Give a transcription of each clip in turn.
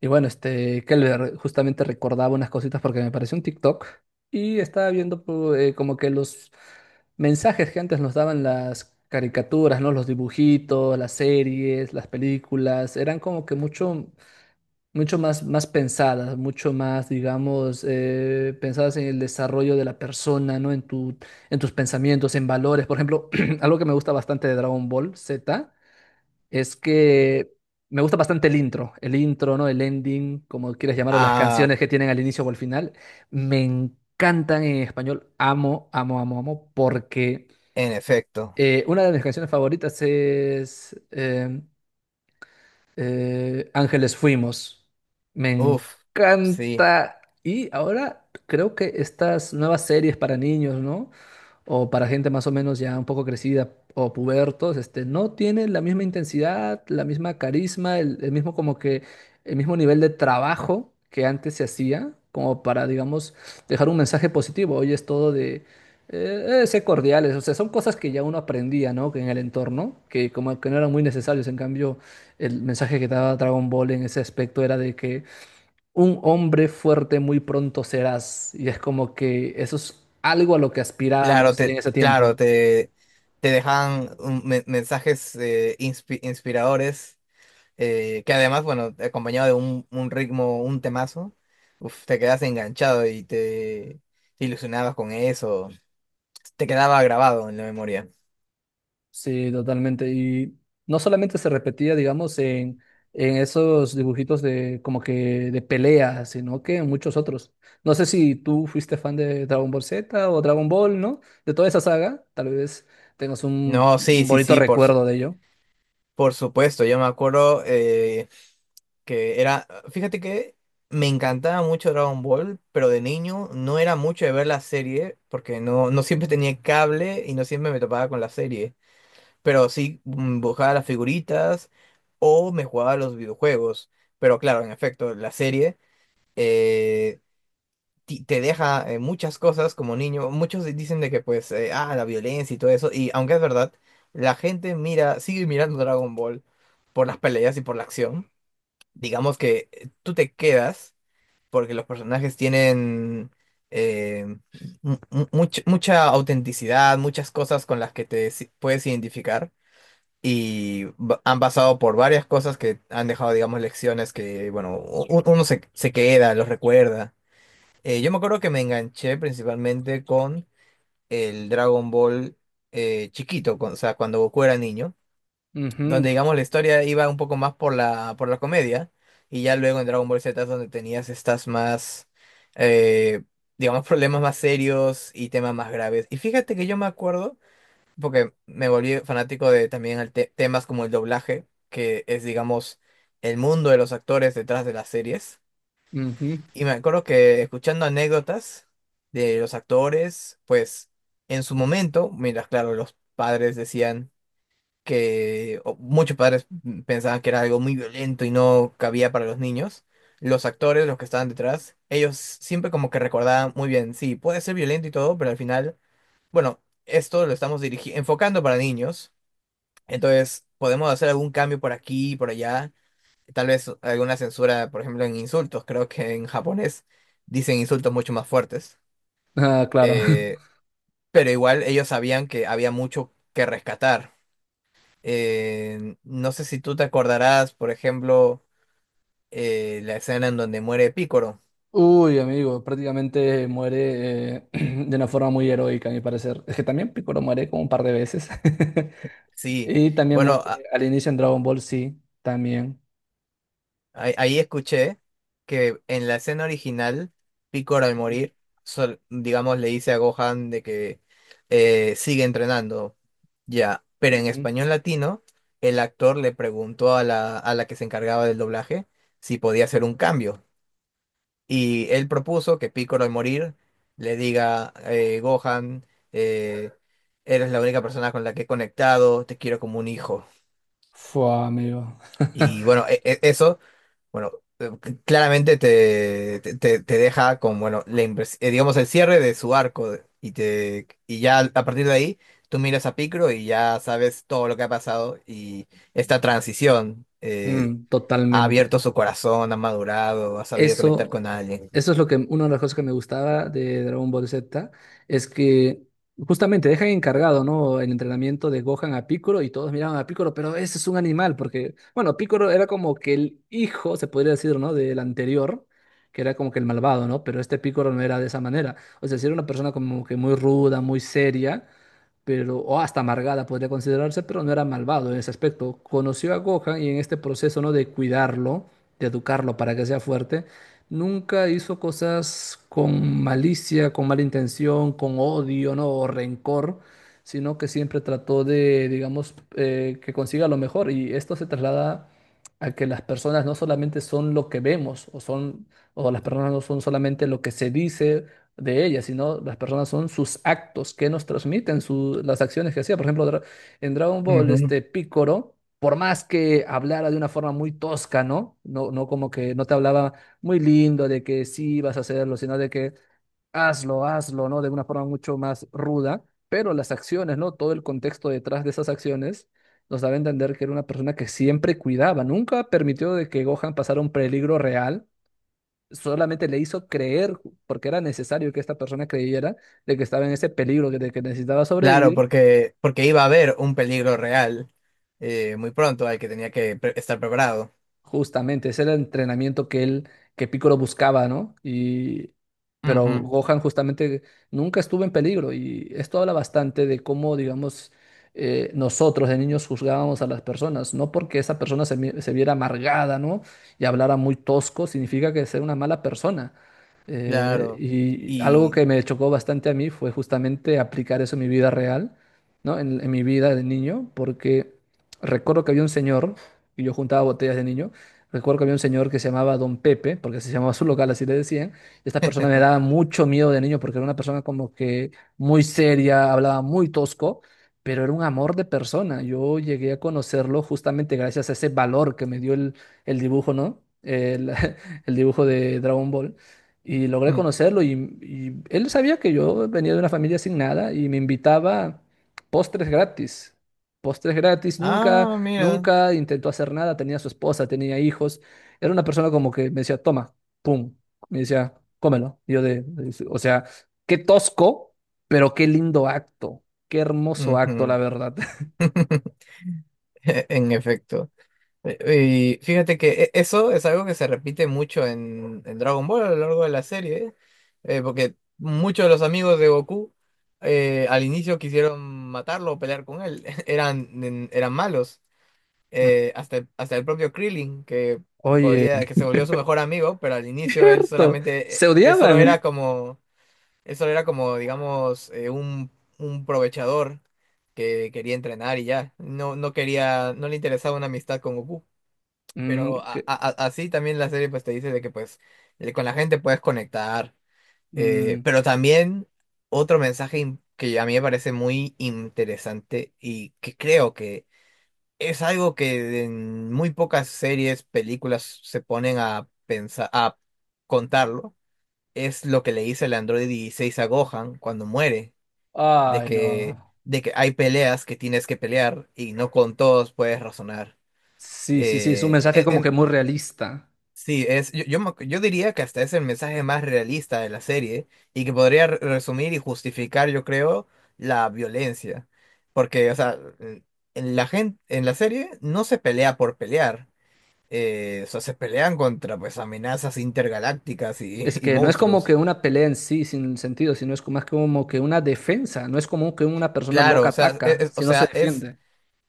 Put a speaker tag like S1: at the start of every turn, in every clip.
S1: Que justamente recordaba unas cositas porque me pareció un TikTok y estaba viendo como que los mensajes que antes nos daban las caricaturas, ¿no? Los dibujitos, las series, las películas, eran como que mucho, mucho más, más pensadas, mucho más, digamos, pensadas en el desarrollo de la persona, ¿no? En tu, en tus pensamientos, en valores. Por ejemplo, algo que me gusta bastante de Dragon Ball Z es que me gusta bastante el intro, ¿no? El ending, como quieras llamarlo, las
S2: Ah,
S1: canciones que tienen al inicio o al final, me encantan en español, amo, amo, amo, amo, porque
S2: en efecto.
S1: una de mis canciones favoritas es Ángeles Fuimos, me
S2: Uf, sí.
S1: encanta y ahora creo que estas nuevas series para niños, ¿no? O para gente más o menos ya un poco crecida o pubertos, este, no tiene la misma intensidad, la misma carisma, el mismo como que el mismo nivel de trabajo que antes se hacía, como para, digamos, dejar un mensaje positivo. Hoy es todo de ser cordiales, o sea, son cosas que ya uno aprendía, ¿no? Que en el entorno, que como que no eran muy necesarios. En cambio, el mensaje que daba Dragon Ball en ese aspecto era de que un hombre fuerte muy pronto serás. Y es como que eso es algo a lo que
S2: Claro,
S1: aspirábamos en ese tiempo.
S2: claro, te dejan mensajes inspiradores, que además, bueno, acompañado de un ritmo, un temazo, uf, te quedas enganchado te ilusionabas con eso. Te quedaba grabado en la memoria.
S1: Sí, totalmente. Y no solamente se repetía, digamos, en esos dibujitos de como que de pelea, sino que en muchos otros. No sé si tú fuiste fan de Dragon Ball Z o Dragon Ball, ¿no? De toda esa saga, tal vez tengas
S2: No,
S1: un
S2: sí, sí,
S1: bonito
S2: sí,
S1: recuerdo de ello.
S2: por supuesto. Yo me acuerdo fíjate que me encantaba mucho Dragon Ball, pero de niño no era mucho de ver la serie, porque no siempre tenía cable y no siempre me topaba con la serie, pero sí buscaba las figuritas o me jugaba a los videojuegos, pero claro, en efecto, la serie... eh, te deja muchas cosas como niño. Muchos dicen de que pues, la violencia y todo eso. Y aunque es verdad, sigue mirando Dragon Ball por las peleas y por la acción digamos que tú te quedas porque los personajes tienen eh, mucha autenticidad, muchas cosas con las que te si- puedes identificar y han pasado por varias cosas que han dejado, digamos, lecciones que, bueno, uno se queda, los recuerda. Yo me acuerdo que me enganché principalmente con el Dragon Ball chiquito, o sea, cuando Goku era niño
S1: Ujú,
S2: donde digamos la historia iba un poco más por por la comedia, y ya luego en Dragon Ball Z es donde tenías estas más, eh, digamos, problemas más serios y temas más graves. Y fíjate que yo me acuerdo, porque me volví fanático de también el temas como el doblaje, que es, digamos, el mundo de los actores detrás de las series.
S1: ujú.
S2: Y me acuerdo que escuchando anécdotas de los actores, pues en su momento, mira claro, los padres decían que muchos padres pensaban que era algo muy violento y no cabía para los niños, los actores, los que estaban detrás, ellos siempre como que recordaban muy bien, sí, puede ser violento y todo, pero al final, bueno, esto lo estamos enfocando para niños, entonces podemos hacer algún cambio por aquí y por allá, tal vez alguna censura, por ejemplo, en insultos, creo que en japonés dicen insultos mucho más fuertes,
S1: Ah, claro.
S2: eh, pero igual ellos sabían que había mucho que rescatar. No sé si tú te acordarás, por ejemplo, la escena en donde muere Pícoro.
S1: Uy, amigo, prácticamente muere de una forma muy heroica, a mi parecer. Es que también Piccolo muere como un par de veces.
S2: Sí,
S1: Y también
S2: bueno,
S1: muere al inicio en Dragon Ball, sí, también.
S2: ahí escuché que en la escena original, Pícoro al
S1: Ujú,
S2: morir, digamos, le dice a Gohan de que sigue entrenando, ya. Pero en
S1: ujú.
S2: español latino, el actor le preguntó a a la que se encargaba del doblaje si podía hacer un cambio. Y él propuso que Piccolo al morir le diga, Gohan, eh, eres la única persona con la que he conectado, te quiero como un hijo.
S1: Fua, amigo.
S2: Y bueno, eso, bueno, claramente te deja con, bueno, digamos, el cierre de su arco. Y ya a partir de ahí, tú miras a Piccolo y ya sabes todo lo que ha pasado y esta transición.
S1: Mm,
S2: Ha
S1: totalmente.
S2: abierto su corazón, ha madurado, ha sabido conectar
S1: Eso,
S2: con alguien.
S1: eso es lo que, una de las cosas que me gustaba de Dragon Ball Z, es que justamente dejan encargado, ¿no? El entrenamiento de Gohan a Piccolo y todos miraban a Piccolo, pero ese es un animal, porque, bueno, Piccolo era como que el hijo, se podría decir, ¿no? Del anterior, que era como que el malvado, ¿no? Pero este Piccolo no era de esa manera. O sea, sí era una persona como que muy ruda, muy seria, pero, o hasta amargada podría considerarse, pero no era malvado en ese aspecto. Conoció a Gohan y en este proceso, ¿no? De cuidarlo, de educarlo para que sea fuerte. Nunca hizo cosas con malicia, con mala intención, con odio, ¿no? O rencor, sino que siempre trató de, digamos, que consiga lo mejor. Y esto se traslada a que las personas no solamente son lo que vemos, o son, o las personas no son solamente lo que se dice de ellas, sino las personas son sus actos que nos transmiten, su- las acciones que hacía. Por ejemplo, en Dragon Ball, este Picoro, por más que hablara de una forma muy tosca, ¿no? No, no como que no te hablaba muy lindo de que sí vas a hacerlo, sino de que hazlo, hazlo, ¿no? De una forma mucho más ruda, pero las acciones, ¿no? Todo el contexto detrás de esas acciones nos daba a entender que era una persona que siempre cuidaba, nunca permitió de que Gohan pasara un peligro real, solamente le hizo creer, porque era necesario que esta persona creyera de que estaba en ese peligro, de que necesitaba
S2: Claro,
S1: sobrevivir.
S2: porque iba a haber un peligro real muy pronto al que tenía que estar preparado.
S1: Justamente, ese era el entrenamiento que Piccolo buscaba, ¿no? Y, pero
S2: Ujú,
S1: Gohan justamente nunca estuvo en peligro y esto habla bastante de cómo, digamos, nosotros de niños juzgábamos a las personas, no porque esa persona se viera amargada, ¿no? Y hablara muy tosco, significa que es una mala persona. Eh,
S2: claro.
S1: y algo
S2: Y...
S1: que me chocó bastante a mí fue justamente aplicar eso en mi vida real, ¿no? En mi vida de niño, porque recuerdo que había un señor, y yo juntaba botellas de niño. Recuerdo que había un señor que se llamaba Don Pepe, porque así se llamaba su local, así le decían. Esta persona me daba mucho miedo de niño porque era una persona como que muy seria, hablaba muy tosco, pero era un amor de persona. Yo llegué a conocerlo justamente gracias a ese valor que me dio el dibujo, ¿no? El, el dibujo de Dragon Ball. Y logré
S2: mm,
S1: conocerlo y él sabía que yo venía de una familia sin nada y me invitaba postres gratis. Postres gratis, nunca.
S2: ah, mira.
S1: Nunca intentó hacer nada, tenía su esposa, tenía hijos. Era una persona como que me decía, toma, pum. Me decía, cómelo. Y yo de, o sea, qué tosco, pero qué lindo acto. Qué hermoso acto, la
S2: Ujú.
S1: verdad.
S2: En efecto. Y fíjate que eso es algo que se repite mucho en Dragon Ball a lo largo de la serie, ¿eh? Porque muchos de los amigos de Goku al inicio quisieron matarlo o pelear con él. Eran, eran malos.
S1: Mm,
S2: Hasta, hasta el propio Krillin,
S1: oye,
S2: que se volvió su mejor amigo, pero al inicio
S1: cierto, se
S2: él solo
S1: odiaban.
S2: era como, digamos, un provechador que quería entrenar y ya. No quería, no le interesaba una amistad con Goku.
S1: Mm,
S2: Pero así también la serie pues te dice de que pues con la gente puedes conectar.
S1: mm,
S2: Pero también otro mensaje que a mí me parece muy interesante y que creo que es algo que en muy pocas series, películas se ponen a pensar, a contarlo. Es lo que le dice el androide 16 a Gohan cuando muere,
S1: ay, no.
S2: de que hay peleas que tienes que pelear y no con todos puedes razonar.
S1: Sí, sí, sí, es un
S2: Eh,
S1: mensaje
S2: en-
S1: como que
S2: en-
S1: muy realista.
S2: sí, es, yo, me- yo diría que hasta es el mensaje más realista de la serie y que podría resumir y justificar, yo creo, la violencia. Porque, o sea, en la serie no se pelea por pelear o sea, se pelean contra pues amenazas intergalácticas y
S1: Es
S2: y
S1: que no es como
S2: monstruos.
S1: que una pelea en sí sin sentido, sino es como, más como que una defensa. No es como que una persona
S2: Claro,
S1: loca
S2: o sea,
S1: ataca,
S2: o
S1: si no se
S2: sea, es
S1: defiende.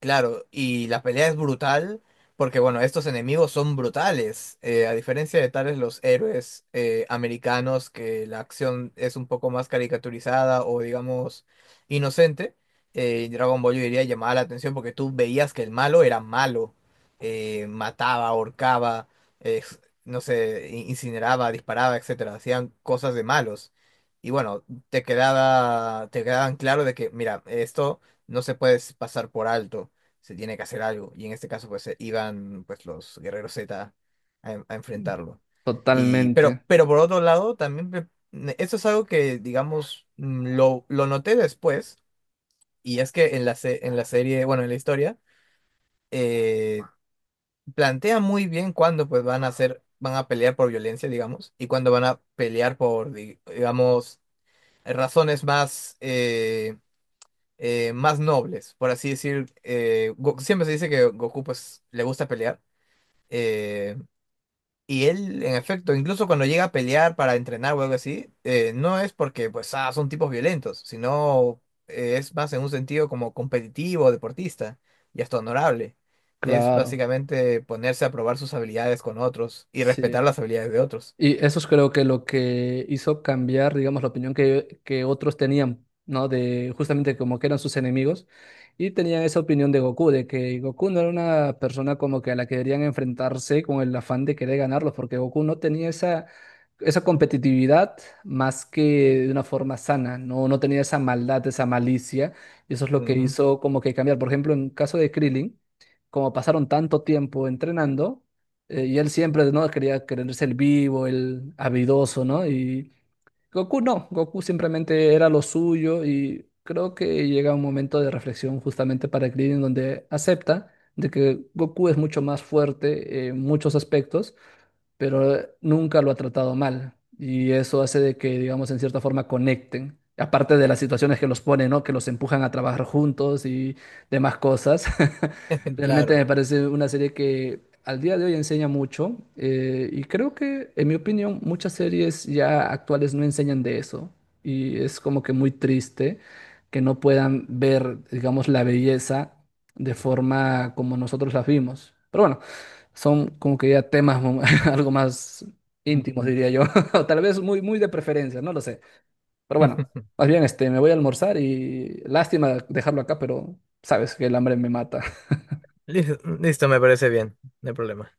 S2: claro, y la pelea es brutal porque, bueno, estos enemigos son brutales, a diferencia de tales los héroes americanos que la acción es un poco más caricaturizada o, digamos, inocente, Dragon Ball yo diría llamaba la atención porque tú veías que el malo era malo, mataba, ahorcaba, no sé, incineraba, disparaba, etcétera, hacían cosas de malos. Y bueno, te quedaban claro de que, mira, esto no se puede pasar por alto se tiene que hacer algo. Y en este caso, pues iban pues los guerreros Z a enfrentarlo.
S1: Totalmente,
S2: Pero por otro lado, también esto es algo que, digamos, lo noté después, y es que en en la serie, bueno, en la historia, eh, plantea muy bien cuándo pues van a pelear por violencia, digamos, y cuándo van a pelear por, digamos, razones más más nobles, por así decir. Siempre se dice que Goku pues le gusta pelear. Eh, y él, en efecto, incluso cuando llega a pelear para entrenar o algo así, no es porque pues son tipos violentos, sino es más en un sentido como competitivo, deportista y hasta honorable. Es
S1: claro,
S2: básicamente ponerse a probar sus habilidades con otros y
S1: sí.
S2: respetar las habilidades de otros.
S1: Y eso es creo que lo que hizo cambiar, digamos, la opinión que otros tenían, ¿no? De justamente como que eran sus enemigos y tenían esa opinión de Goku, de que Goku no era una persona como que a la que deberían enfrentarse con el afán de querer ganarlos, porque Goku no tenía esa, esa competitividad más que de una forma sana, ¿no? No tenía esa maldad, esa malicia, y eso es lo que
S2: Ujú.
S1: hizo como que cambiar. Por ejemplo, en caso de Krillin, como pasaron tanto tiempo entrenando, y él siempre, ¿no? Quería creerse el vivo, el habilidoso, ¿no? Y Goku no, Goku simplemente era lo suyo y creo que llega un momento de reflexión justamente para Krillin donde acepta de que Goku es mucho más fuerte en muchos aspectos, pero nunca lo ha tratado mal. Y eso hace de que, digamos, en cierta forma conecten. Aparte de las situaciones que los ponen, ¿no? Que los empujan a trabajar juntos y demás cosas. Realmente me
S2: Claro.
S1: parece una serie que al día de hoy enseña mucho. Y creo que, en mi opinión, muchas series ya actuales no enseñan de eso. Y es como que muy triste que no puedan ver, digamos, la belleza de forma como nosotros la vimos. Pero bueno. Son como que ya temas algo más íntimos,
S2: Ujú.
S1: diría yo. O tal vez muy, muy de preferencia, no lo sé. Pero bueno, más bien este, me voy a almorzar y lástima dejarlo acá, pero sabes que el hambre me mata.
S2: Listo, listo, me parece bien, no hay problema.